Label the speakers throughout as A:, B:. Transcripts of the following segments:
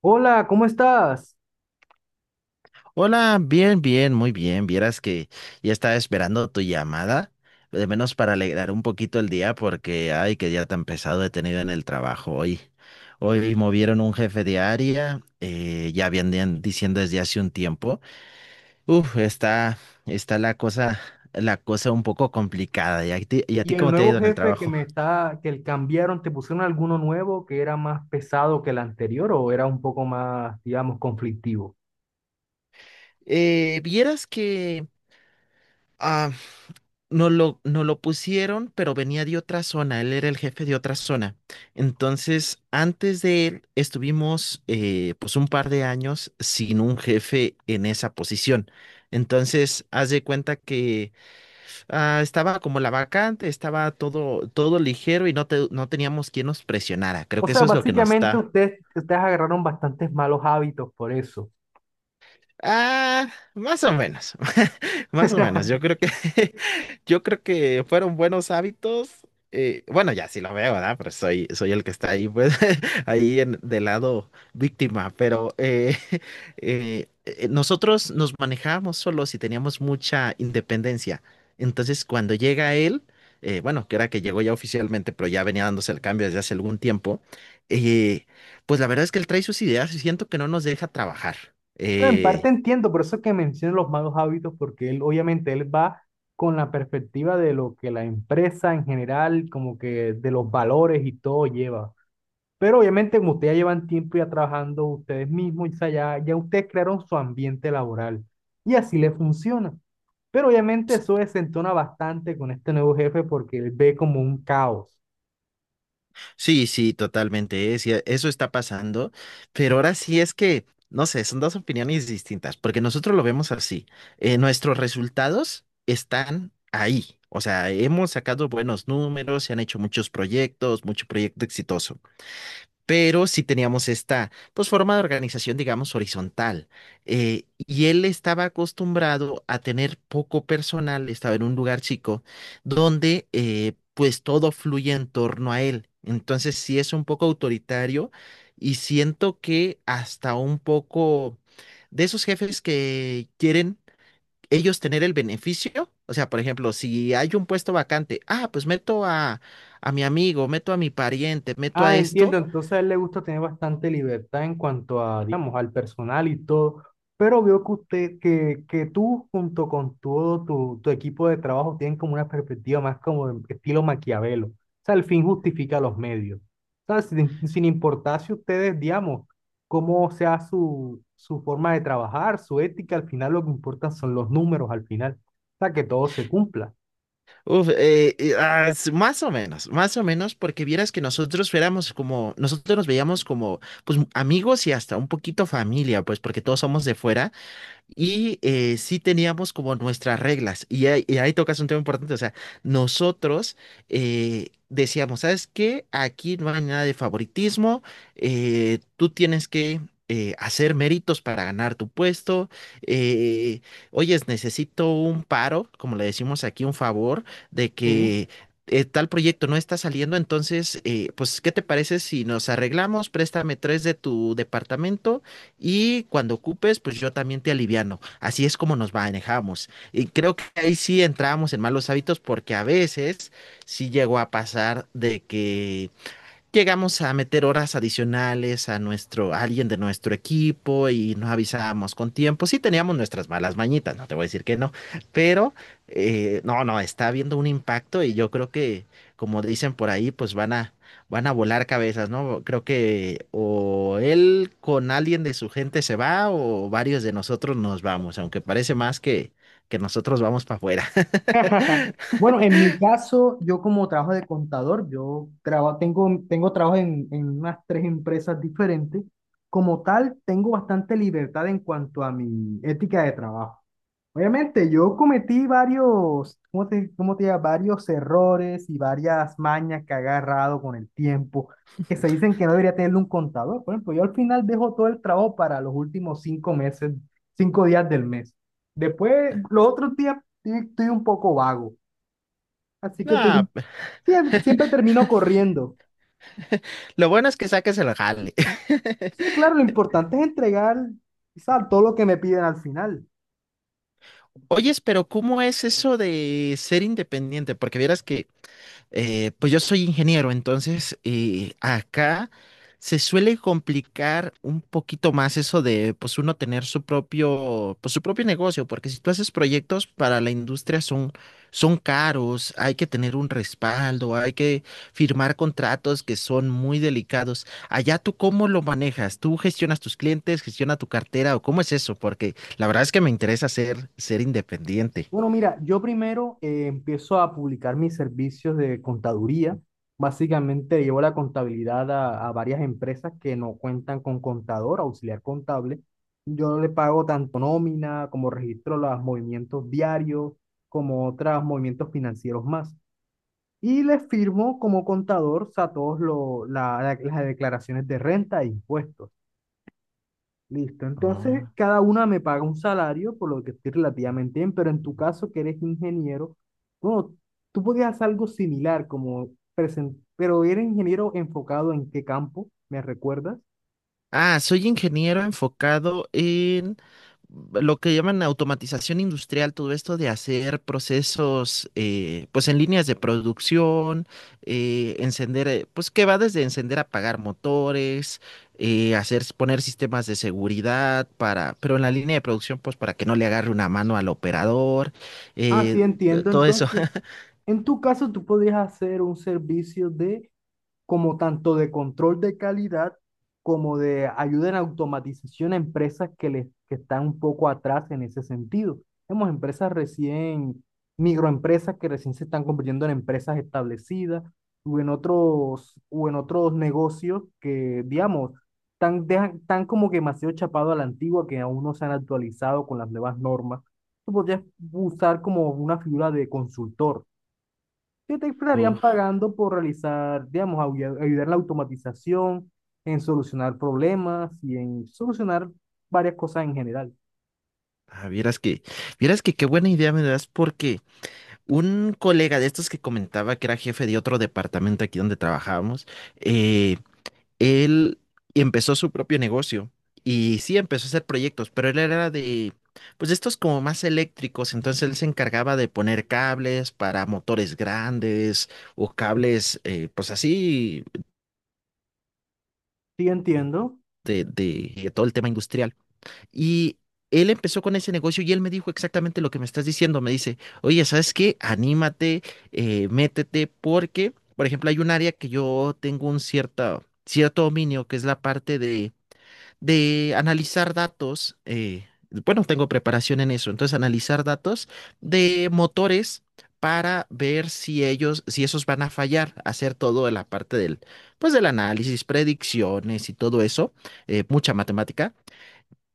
A: Hola, ¿cómo estás?
B: Hola, bien, bien, muy bien. Vieras que ya estaba esperando tu llamada, de menos para alegrar un poquito el día, porque ay, qué día tan pesado he tenido en el trabajo hoy. Hoy movieron un jefe de área, ya habían diciendo desde hace un tiempo. Uf, está la cosa un poco complicada. Y a
A: ¿Y
B: ti
A: el
B: cómo te ha
A: nuevo
B: ido en el
A: jefe
B: trabajo?
A: que el cambiaron, te pusieron alguno nuevo que era más pesado que el anterior o era un poco más, digamos, conflictivo?
B: Vieras que. No lo pusieron, pero venía de otra zona, él era el jefe de otra zona. Entonces, antes de él, estuvimos pues un par de años sin un jefe en esa posición. Entonces, haz de cuenta que estaba como la vacante, estaba todo ligero y no, no teníamos quien nos presionara. Creo
A: O
B: que
A: sea,
B: eso es lo que nos
A: básicamente
B: está.
A: ustedes agarraron bastantes malos hábitos por eso.
B: Ah, más o menos, más o menos. Yo creo que, yo creo que fueron buenos hábitos. Bueno, ya sí lo veo, ¿verdad? Pero soy el que está ahí, pues, ahí en, del lado víctima. Pero nosotros nos manejábamos solos y teníamos mucha independencia. Entonces, cuando llega él, bueno, que era que llegó ya oficialmente, pero ya venía dándose el cambio desde hace algún tiempo. eh, pues la verdad es que él trae sus ideas y siento que no nos deja trabajar.
A: Bueno, en parte
B: Eh,
A: entiendo, por eso es que menciono los malos hábitos, porque él, obviamente, él va con la perspectiva de lo que la empresa en general, como que de los valores y todo lleva. Pero obviamente como ustedes ya llevan tiempo ya trabajando ustedes mismos, o sea, ya ustedes crearon su ambiente laboral y así les funciona. Pero obviamente eso desentona bastante con este nuevo jefe porque él ve como un caos.
B: Sí, sí, totalmente, sí, eso está pasando, pero ahora sí es que, no sé, son dos opiniones distintas, porque nosotros lo vemos así, nuestros resultados están ahí, o sea, hemos sacado buenos números, se han hecho muchos proyectos, mucho proyecto exitoso, pero sí teníamos esta, pues, forma de organización, digamos, horizontal. Y él estaba acostumbrado a tener poco personal, estaba en un lugar chico, donde, pues, todo fluye en torno a él. Entonces, sí es un poco autoritario y siento que hasta un poco de esos jefes que quieren ellos tener el beneficio. O sea, por ejemplo, si hay un puesto vacante, ah, pues a mi amigo, meto a mi pariente, meto a
A: Ah, entiendo.
B: esto.
A: Entonces a él le gusta tener bastante libertad en cuanto a, digamos, al personal y todo. Pero veo que usted, que tú junto con todo tu equipo de trabajo tienen como una perspectiva más como de estilo Maquiavelo. O sea, el fin justifica los medios. O sea, sin importar si ustedes, digamos, cómo sea su forma de trabajar, su ética, al final lo que importa son los números al final. O sea, que todo se cumpla.
B: Más o menos, más o menos, porque vieras que nosotros éramos como, nosotros nos veíamos como, pues, amigos y hasta un poquito familia, pues, porque todos somos de fuera. Y sí teníamos como nuestras reglas. Y ahí tocas un tema importante. O sea, nosotros decíamos, ¿sabes qué? Aquí no hay nada de favoritismo. Tú tienes que hacer méritos para ganar tu puesto. eh, Oyes, necesito un paro, como le decimos aquí, un favor de
A: Sí.
B: que... Tal proyecto no está saliendo, entonces, pues, ¿qué te parece si nos arreglamos? Préstame tres de tu departamento y cuando ocupes, pues yo también te aliviano. Así es como nos manejamos. Y creo que ahí sí entramos en malos hábitos porque a veces sí llegó a pasar de que llegamos a meter horas adicionales a a alguien de nuestro equipo y nos avisábamos con tiempo. Sí teníamos nuestras malas mañitas, no te voy a decir que no, pero no, no, está habiendo un impacto y yo creo que, como dicen por ahí, pues van a volar cabezas, ¿no? Creo que o él con alguien de su gente se va o varios de nosotros nos vamos, aunque parece más que nosotros vamos para afuera.
A: Bueno, en mi caso, yo como trabajo de contador, yo tengo trabajo en unas tres empresas diferentes. Como tal, tengo bastante libertad en cuanto a mi ética de trabajo. Obviamente, yo cometí varios, cómo te diría? Varios errores y varias mañas que he agarrado con el tiempo, que se dicen que no debería tener un contador. Por ejemplo, yo al final dejo todo el trabajo para los últimos 5 meses, 5 días del mes. Después, los otros días estoy un poco vago. Así que
B: No,
A: siempre termino corriendo.
B: lo bueno es que saques el jale.
A: Sí, claro, lo importante es entregar, quizá, todo lo que me piden al final.
B: Oyes, pero ¿cómo es eso de ser independiente? Porque vieras que pues yo soy ingeniero, entonces acá se suele complicar un poquito más eso de pues uno tener su propio, pues su propio negocio, porque si tú haces proyectos para la industria son caros, hay que tener un respaldo, hay que firmar contratos que son muy delicados. Allá tú cómo lo manejas, tú gestionas tus clientes, gestiona tu cartera o cómo es eso, porque la verdad es que me interesa ser independiente.
A: Bueno, mira, yo primero empiezo a publicar mis servicios de contaduría. Básicamente llevo la contabilidad a varias empresas que no cuentan con contador, auxiliar contable. Yo le pago tanto nómina como registro los movimientos diarios, como otros movimientos financieros más. Y les firmo como contador, o sea, todas las declaraciones de renta e impuestos. Listo,
B: Ujú.
A: entonces cada una me paga un salario, por lo que estoy relativamente bien, pero en tu caso que eres ingeniero, bueno, tú podías hacer algo similar, como pero eres ingeniero enfocado en qué campo, ¿me recuerdas?
B: Ah, soy ingeniero enfocado en lo que llaman automatización industrial, todo esto de hacer procesos, pues en líneas de producción, pues que va desde encender, apagar motores, poner sistemas de seguridad para, pero en la línea de producción, pues para que no le agarre una mano al operador,
A: Ah, sí,
B: eh,
A: entiendo,
B: todo eso.
A: entonces, en tu caso tú podías hacer un servicio de como tanto de control de calidad como de ayuda en automatización a empresas que están un poco atrás en ese sentido. Hemos empresas recién, microempresas que recién se están convirtiendo en empresas establecidas o en otros negocios que, digamos, tan como que demasiado chapado a la antigua que aún no se han actualizado con las nuevas normas. Tú podrías usar como una figura de consultor que te
B: Uh,
A: estarían pagando por realizar, digamos, ayudar en la automatización, en solucionar problemas y en solucionar varias cosas en general.
B: ah, vieras que, Vieras que qué buena idea me das porque un colega de estos que comentaba que era jefe de otro departamento aquí donde trabajábamos, eh, él empezó su propio negocio y sí empezó a hacer proyectos, pero él era de, pues de estos como más eléctricos, entonces él se encargaba de poner cables para motores grandes o cables, pues así
A: Sí, entiendo.
B: de todo el tema industrial. Y él empezó con ese negocio y él me dijo exactamente lo que me estás diciendo. Me dice, oye, ¿sabes qué? Anímate, métete, porque, por ejemplo, hay un área que yo tengo cierto dominio, que es la parte de analizar datos. Bueno, tengo preparación en eso. Entonces, analizar datos de motores, para ver si si esos van a fallar, hacer todo la parte del, pues del análisis, predicciones y todo eso, mucha matemática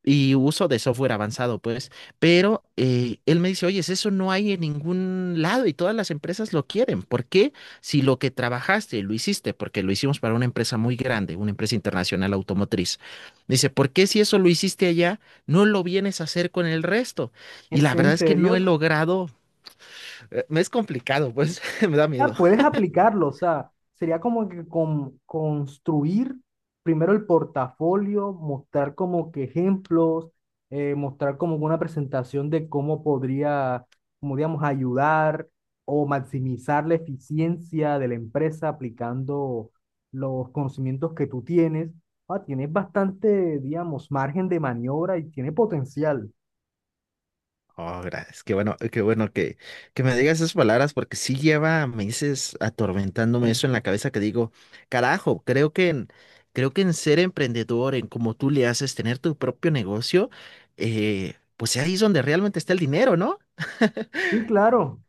B: y uso de software avanzado, pues. Pero él me dice, oye, eso no hay en ningún lado y todas las empresas lo quieren. ¿Por qué? Si lo que trabajaste lo hiciste, porque lo hicimos para una empresa muy grande, una empresa internacional automotriz. Dice, ¿por qué si eso lo hiciste allá, no lo vienes a hacer con el resto? Y
A: ¿Es
B: la verdad
A: en
B: es que
A: serio?
B: no he logrado, me es complicado, pues me da miedo.
A: Ah, puedes aplicarlo, o sea, sería como que construir primero el portafolio, mostrar como que ejemplos, mostrar como una presentación de cómo podría, como digamos, ayudar o maximizar la eficiencia de la empresa aplicando los conocimientos que tú tienes. Ah, tienes bastante, digamos, margen de maniobra y tiene potencial.
B: Oh, gracias. Qué bueno que me digas esas palabras porque sí lleva meses atormentándome eso en la cabeza que digo, carajo, creo que creo que en ser emprendedor, en cómo tú le haces tener tu propio negocio, pues ahí es donde realmente está el dinero, ¿no?
A: Sí, claro.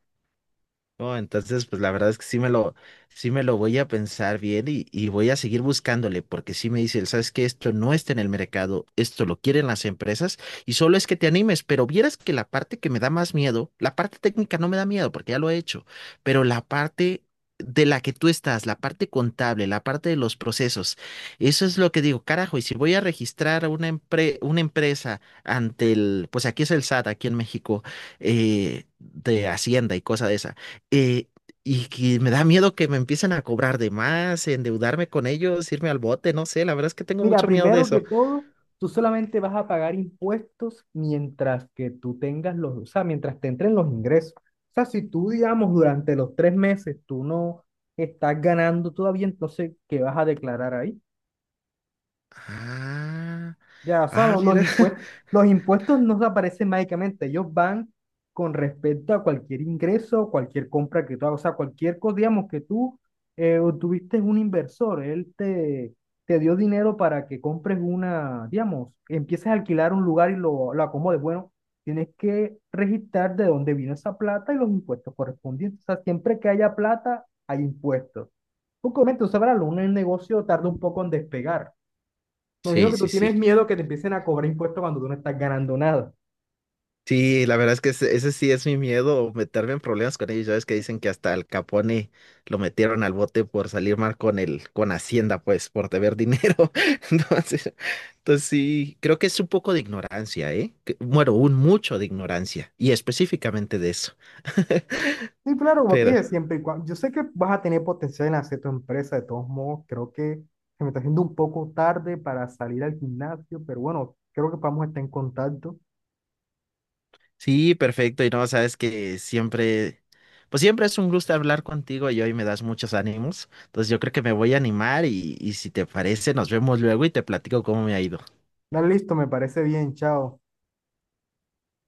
B: No, entonces, pues la verdad es que sí me lo voy a pensar bien y voy a seguir buscándole, porque sí me dicen, sabes que esto no está en el mercado, esto lo quieren las empresas, y solo es que te animes, pero vieras que la parte que me da más miedo, la parte técnica no me da miedo, porque ya lo he hecho, pero la parte de la que tú estás, la parte contable, la parte de los procesos, eso es lo que digo, carajo, y si voy a registrar una una empresa ante el, pues aquí es el SAT, aquí en México, de Hacienda y cosa de esa, eh, y que me da miedo que me empiecen a cobrar de más, endeudarme con ellos, irme al bote, no sé, la verdad es que tengo
A: Mira,
B: mucho miedo de
A: primero que
B: eso.
A: todo, tú solamente vas a pagar impuestos mientras que tú tengas los, o sea, mientras te entren los ingresos. O sea, si tú, digamos, durante los 3 meses tú no estás ganando todavía, entonces, ¿qué vas a declarar ahí?
B: Ah,
A: Ya, o sea,
B: ah, mira.
A: los impuestos no desaparecen mágicamente, ellos van con respecto a cualquier ingreso, cualquier compra que tú hagas, o sea, cualquier cosa, digamos, que tú tuviste un inversor, él te dio dinero para que compres digamos, empieces a alquilar un lugar y lo acomodes. Bueno, tienes que registrar de dónde vino esa plata y los impuestos correspondientes. O sea, siempre que haya plata, hay impuestos. Porque obviamente, tú sabrás, un negocio tarda un poco en despegar. Me imagino
B: Sí,
A: que tú
B: sí, sí.
A: tienes miedo que te empiecen a cobrar impuestos cuando tú no estás ganando nada.
B: Sí, la verdad es que ese sí es mi miedo, meterme en problemas con ellos. Ya ves que dicen que hasta Al Capone lo metieron al bote por salir mal con con Hacienda, pues, por deber dinero. Entonces, entonces sí, creo que es un poco de ignorancia, ¿eh? Que... bueno, un mucho de ignorancia, y específicamente de eso.
A: Sí, claro, como te
B: Pero,
A: dije, siempre y cuando. Yo sé que vas a tener potencial en hacer tu empresa, de todos modos, creo que se me está haciendo un poco tarde para salir al gimnasio, pero bueno, creo que vamos a estar en contacto.
B: sí, perfecto. Y no, sabes que siempre, pues siempre es un gusto hablar contigo y hoy me das muchos ánimos. Entonces yo creo que me voy a animar y si te parece, nos vemos luego y te platico cómo me ha ido.
A: Dale, listo, me parece bien, chao.